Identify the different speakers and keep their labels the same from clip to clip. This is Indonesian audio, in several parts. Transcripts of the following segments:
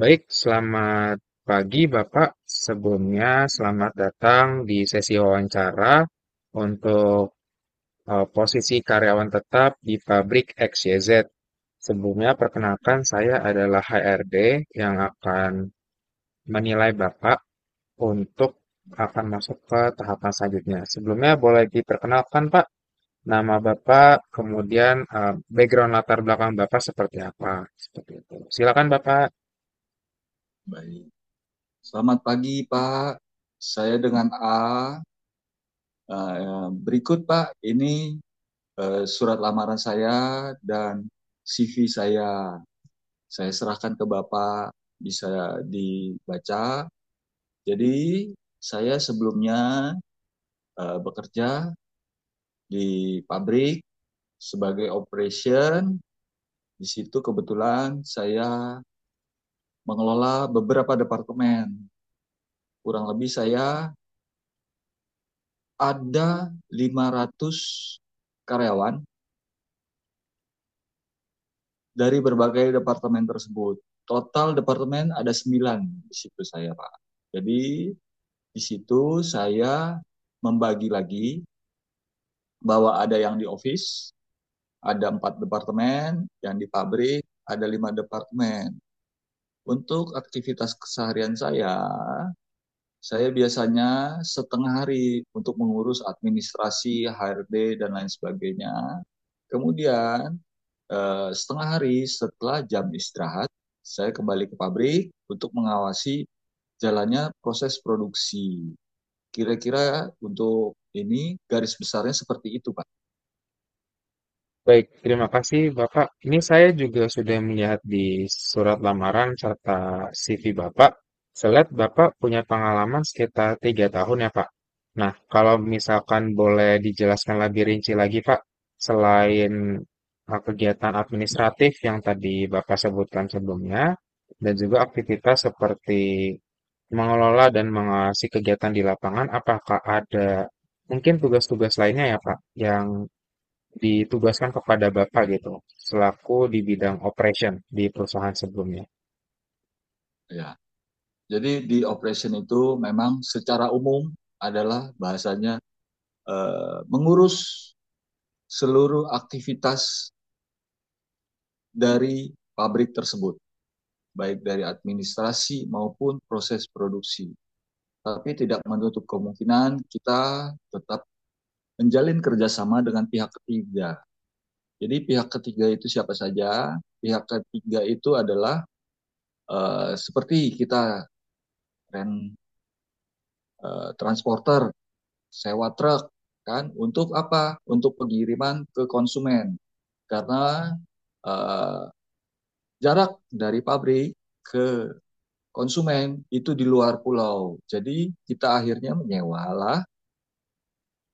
Speaker 1: Baik, selamat pagi Bapak. Sebelumnya selamat datang di sesi wawancara untuk posisi karyawan tetap di pabrik XYZ. Sebelumnya perkenalkan saya adalah HRD yang akan menilai Bapak untuk akan masuk ke tahapan selanjutnya. Sebelumnya boleh diperkenalkan Pak, nama Bapak, kemudian background latar belakang Bapak seperti apa? Seperti itu. Silakan Bapak.
Speaker 2: Baik. Selamat pagi, Pak. Saya dengan A. Berikut, Pak, ini surat lamaran saya dan CV saya. Saya serahkan ke Bapak, bisa dibaca. Jadi, saya sebelumnya bekerja di pabrik sebagai operation. Di situ kebetulan saya mengelola beberapa departemen. Kurang lebih saya ada 500 karyawan dari berbagai departemen tersebut. Total departemen ada 9, di situ saya, Pak. Jadi di situ saya membagi lagi bahwa ada yang di office, ada empat departemen, yang di pabrik ada lima departemen. Untuk aktivitas keseharian saya biasanya setengah hari untuk mengurus administrasi, HRD, dan lain sebagainya. Kemudian setengah hari setelah jam istirahat, saya kembali ke pabrik untuk mengawasi jalannya proses produksi. Kira-kira untuk ini garis besarnya seperti itu, Pak.
Speaker 1: Baik, terima kasih Bapak. Ini saya juga sudah melihat di surat lamaran serta CV Bapak. Saya lihat Bapak punya pengalaman sekitar tiga tahun ya Pak. Nah, kalau misalkan boleh dijelaskan lebih rinci lagi Pak, selain kegiatan administratif yang tadi Bapak sebutkan sebelumnya, dan juga aktivitas seperti mengelola dan mengawasi kegiatan di lapangan, apakah ada mungkin tugas-tugas lainnya ya Pak, yang ditugaskan kepada Bapak gitu, selaku di bidang operation di perusahaan sebelumnya.
Speaker 2: Ya. Jadi di operation itu memang secara umum adalah bahasanya mengurus seluruh aktivitas dari pabrik tersebut, baik dari administrasi maupun proses produksi. Tapi tidak menutup kemungkinan kita tetap menjalin kerjasama dengan pihak ketiga. Jadi pihak ketiga itu siapa saja? Pihak ketiga itu adalah seperti kita rent transporter, sewa truk, kan? Untuk apa? Untuk pengiriman ke konsumen. Karena uh, jarak dari pabrik ke konsumen itu di luar pulau. Jadi kita akhirnya menyewalah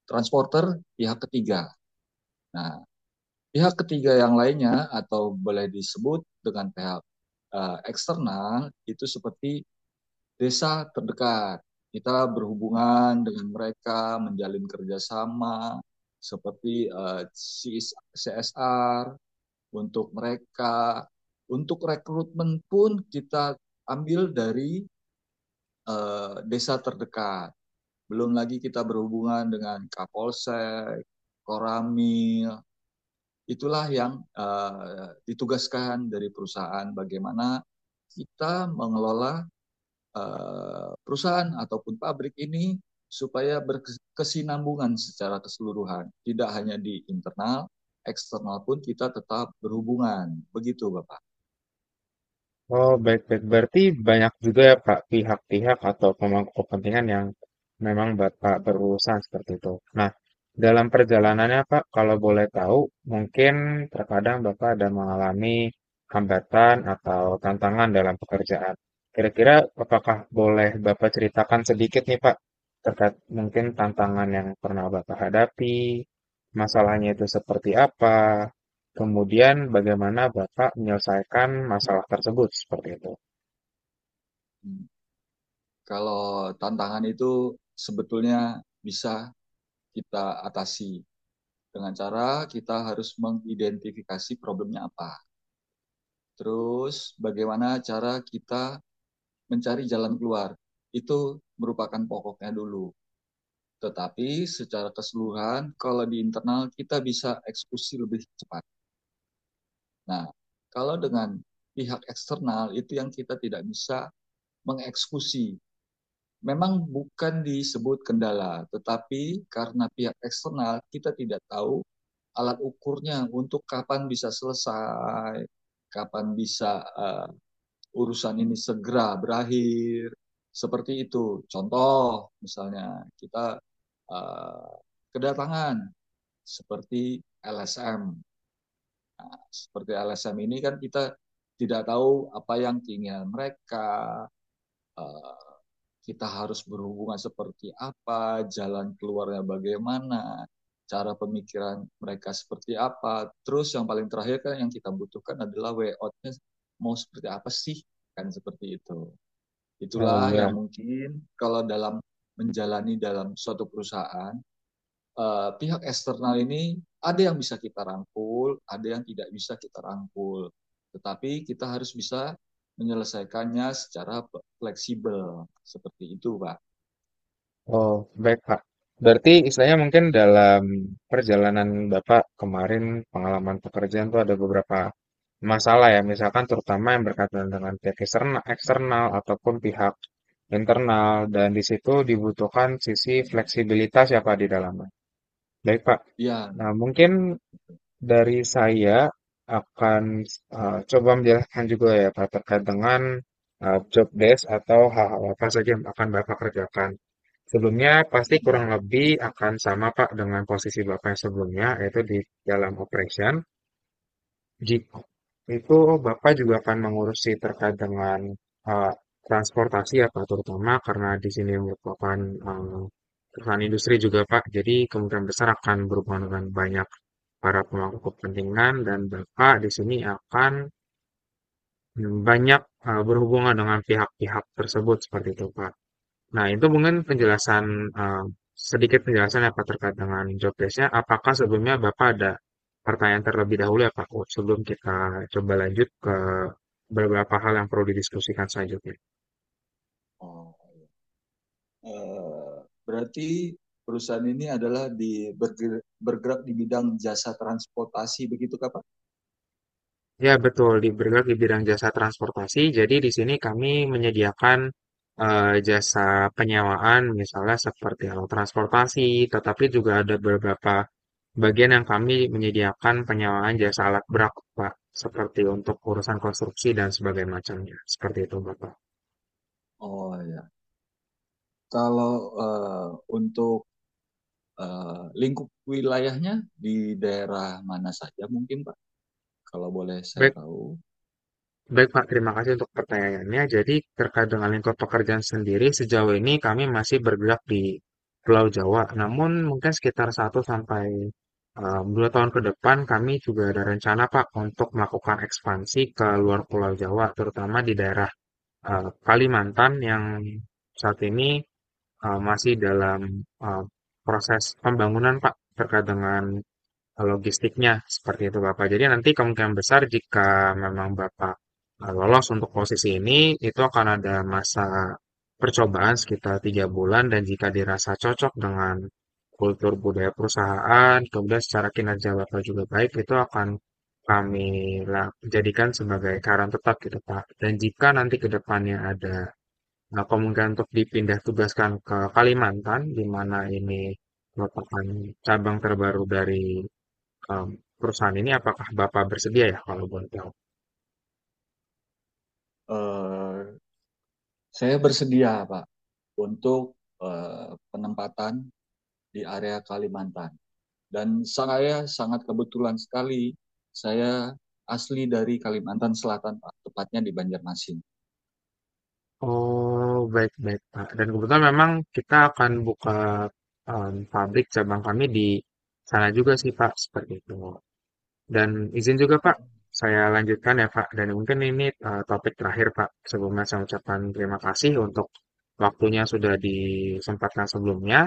Speaker 2: transporter pihak ketiga. Nah, pihak ketiga yang lainnya atau boleh disebut dengan pihak eksternal itu seperti desa terdekat. Kita berhubungan dengan mereka, menjalin kerjasama seperti CSR untuk mereka. Untuk rekrutmen pun kita ambil dari desa terdekat. Belum lagi kita berhubungan dengan Kapolsek, Koramil, itulah yang ditugaskan dari perusahaan, bagaimana kita mengelola perusahaan ataupun pabrik ini supaya berkesinambungan secara keseluruhan. Tidak hanya di internal, eksternal pun kita tetap berhubungan. Begitu Bapak.
Speaker 1: Oh, baik-baik. Berarti banyak juga ya Pak pihak-pihak atau pemangku kepentingan yang memang Bapak berurusan seperti itu. Nah, dalam
Speaker 2: Ya.
Speaker 1: perjalanannya Pak, kalau boleh tahu, mungkin terkadang Bapak ada mengalami hambatan atau tantangan dalam pekerjaan. Kira-kira apakah boleh Bapak ceritakan sedikit nih Pak, terkait mungkin tantangan yang pernah Bapak hadapi, masalahnya itu seperti apa, kemudian bagaimana Bapak menyelesaikan masalah tersebut seperti itu?
Speaker 2: Hmm. Kalau tantangan itu sebetulnya bisa kita atasi dengan cara kita harus mengidentifikasi problemnya apa. Terus bagaimana cara kita mencari jalan keluar. Itu merupakan pokoknya dulu. Tetapi secara keseluruhan, kalau di internal kita bisa eksekusi lebih cepat. Nah, kalau dengan pihak eksternal itu yang kita tidak bisa mengeksekusi. Memang bukan disebut kendala, tetapi karena pihak eksternal kita tidak tahu alat ukurnya untuk kapan bisa selesai, kapan bisa urusan ini segera berakhir. Seperti itu contoh, misalnya kita uh, kedatangan seperti LSM. LSM ini kan kita tidak tahu apa yang keinginan mereka, uh, kita harus berhubungan seperti apa, jalan keluarnya bagaimana, cara pemikiran mereka seperti apa. Terus yang paling terakhir kan yang kita butuhkan adalah way out-nya mau seperti apa sih, kan? Seperti itu.
Speaker 1: Oh
Speaker 2: Itulah
Speaker 1: ya,
Speaker 2: yang mungkin kalau dalam menjalani dalam suatu perusahaan, pihak eksternal ini ada yang bisa kita rangkul, ada yang tidak bisa kita rangkul. Tetapi kita harus bisa menyelesaikannya secara fleksibel. Seperti itu, Pak.
Speaker 1: oh baik Pak. Berarti istilahnya mungkin dalam perjalanan Bapak kemarin pengalaman pekerjaan itu ada beberapa masalah ya, misalkan terutama yang berkaitan dengan pihak eksternal, eksternal ataupun pihak internal dan di situ dibutuhkan sisi
Speaker 2: Hmm.
Speaker 1: fleksibilitas ya Pak di dalamnya. Baik Pak. Nah,
Speaker 2: Ya.
Speaker 1: mungkin dari saya akan coba menjelaskan juga ya Pak terkait dengan job desk atau hal-hal apa saja yang akan Bapak kerjakan. Sebelumnya pasti
Speaker 2: Hmm.
Speaker 1: kurang lebih akan sama Pak dengan posisi Bapak yang sebelumnya yaitu di dalam operation. Gitu. Itu Bapak juga akan mengurusi terkait dengan eh, transportasi ya Pak, terutama karena di sini merupakan eh, perusahaan industri juga Pak, jadi kemungkinan besar akan berhubungan dengan banyak para pemangku kepentingan dan Bapak di sini akan banyak berhubungan dengan pihak-pihak tersebut seperti itu Pak. Nah, itu mungkin penjelasan eh, sedikit penjelasan apa terkait dengan job desk-nya. Apakah sebelumnya Bapak ada pertanyaan terlebih dahulu ya Pak, sebelum kita coba lanjut ke beberapa hal yang perlu didiskusikan selanjutnya?
Speaker 2: Oh. Eh, berarti perusahaan ini adalah di bergerak di bidang jasa transportasi, begitu Kak, Pak?
Speaker 1: Ya, betul. Di bergerak di bidang jasa transportasi. Jadi di sini kami menyediakan jasa penyewaan, misalnya seperti alat transportasi, tetapi juga ada beberapa bagian yang kami menyediakan penyewaan jasa alat berat, Pak, seperti untuk urusan konstruksi dan sebagainya macamnya. Seperti itu, Bapak.
Speaker 2: Oh ya. Kalau eh, untuk lingkup wilayahnya di daerah mana saja mungkin Pak, kalau boleh saya
Speaker 1: Baik,
Speaker 2: tahu.
Speaker 1: Baik, Pak. Terima kasih untuk pertanyaannya. Jadi, terkait dengan lingkup pekerjaan sendiri, sejauh ini kami masih bergerak di Pulau Jawa. Namun, mungkin sekitar satu sampai 2 tahun ke depan, kami juga ada rencana, Pak, untuk melakukan ekspansi ke luar Pulau Jawa, terutama di daerah Kalimantan yang saat ini masih dalam eh, proses pembangunan, Pak, terkait dengan logistiknya seperti itu Bapak. Jadi nanti kemungkinan besar jika memang Bapak lolos untuk posisi ini, itu akan ada masa percobaan sekitar tiga bulan dan jika dirasa cocok dengan kultur budaya perusahaan, kemudian secara kinerja Bapak juga baik, itu akan kami jadikan sebagai karyawan tetap gitu Pak. Dan jika nanti ke depannya ada kemungkinan untuk dipindah tugaskan ke Kalimantan, di mana ini merupakan cabang terbaru dari em, perusahaan ini apakah Bapak bersedia ya kalau boleh tahu?
Speaker 2: Eh, saya bersedia Pak untuk penempatan di area Kalimantan. Dan saya sangat kebetulan sekali, saya asli dari Kalimantan Selatan Pak, tepatnya di Banjarmasin.
Speaker 1: Oh, baik-baik, Pak. Dan kebetulan memang kita akan buka pabrik cabang kami di sana juga sih, Pak, seperti itu. Dan izin juga, Pak, saya lanjutkan ya, Pak. Dan mungkin ini topik terakhir, Pak. Sebelumnya saya ucapkan terima kasih untuk waktunya sudah disempatkan sebelumnya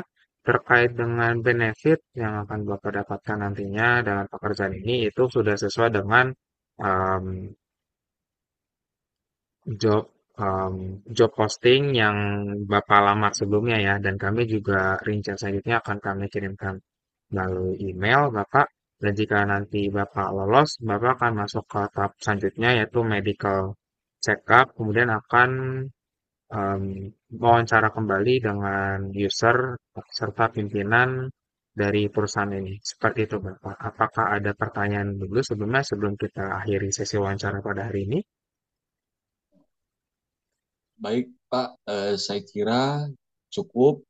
Speaker 1: terkait dengan benefit yang akan Bapak dapatkan nantinya dalam pekerjaan ini itu sudah sesuai dengan job job posting yang Bapak lamar
Speaker 2: Hmm.
Speaker 1: sebelumnya ya dan kami juga rincian selanjutnya akan kami kirimkan melalui email Bapak dan jika nanti Bapak lolos Bapak akan masuk ke tahap selanjutnya yaitu medical check up kemudian akan um, wawancara kembali dengan user serta pimpinan dari perusahaan ini seperti itu Bapak apakah ada pertanyaan dulu sebelumnya sebelum kita akhiri sesi wawancara pada hari ini.
Speaker 2: Baik Pak, saya kira cukup.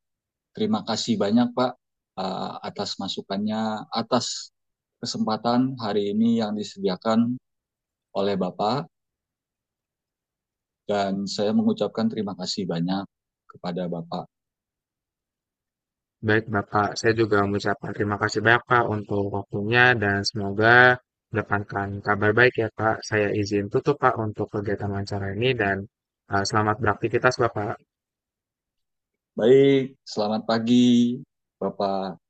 Speaker 2: Terima kasih banyak, Pak, atas masukannya, atas kesempatan hari ini yang disediakan oleh Bapak, dan saya mengucapkan terima kasih banyak kepada Bapak.
Speaker 1: Baik, Bapak. Saya juga mengucapkan terima kasih banyak, Pak, untuk waktunya dan semoga mendatangkan kabar baik ya, Pak. Saya izin tutup, Pak, untuk kegiatan wawancara ini dan selamat beraktivitas, Bapak.
Speaker 2: Baik, selamat pagi, Bapak.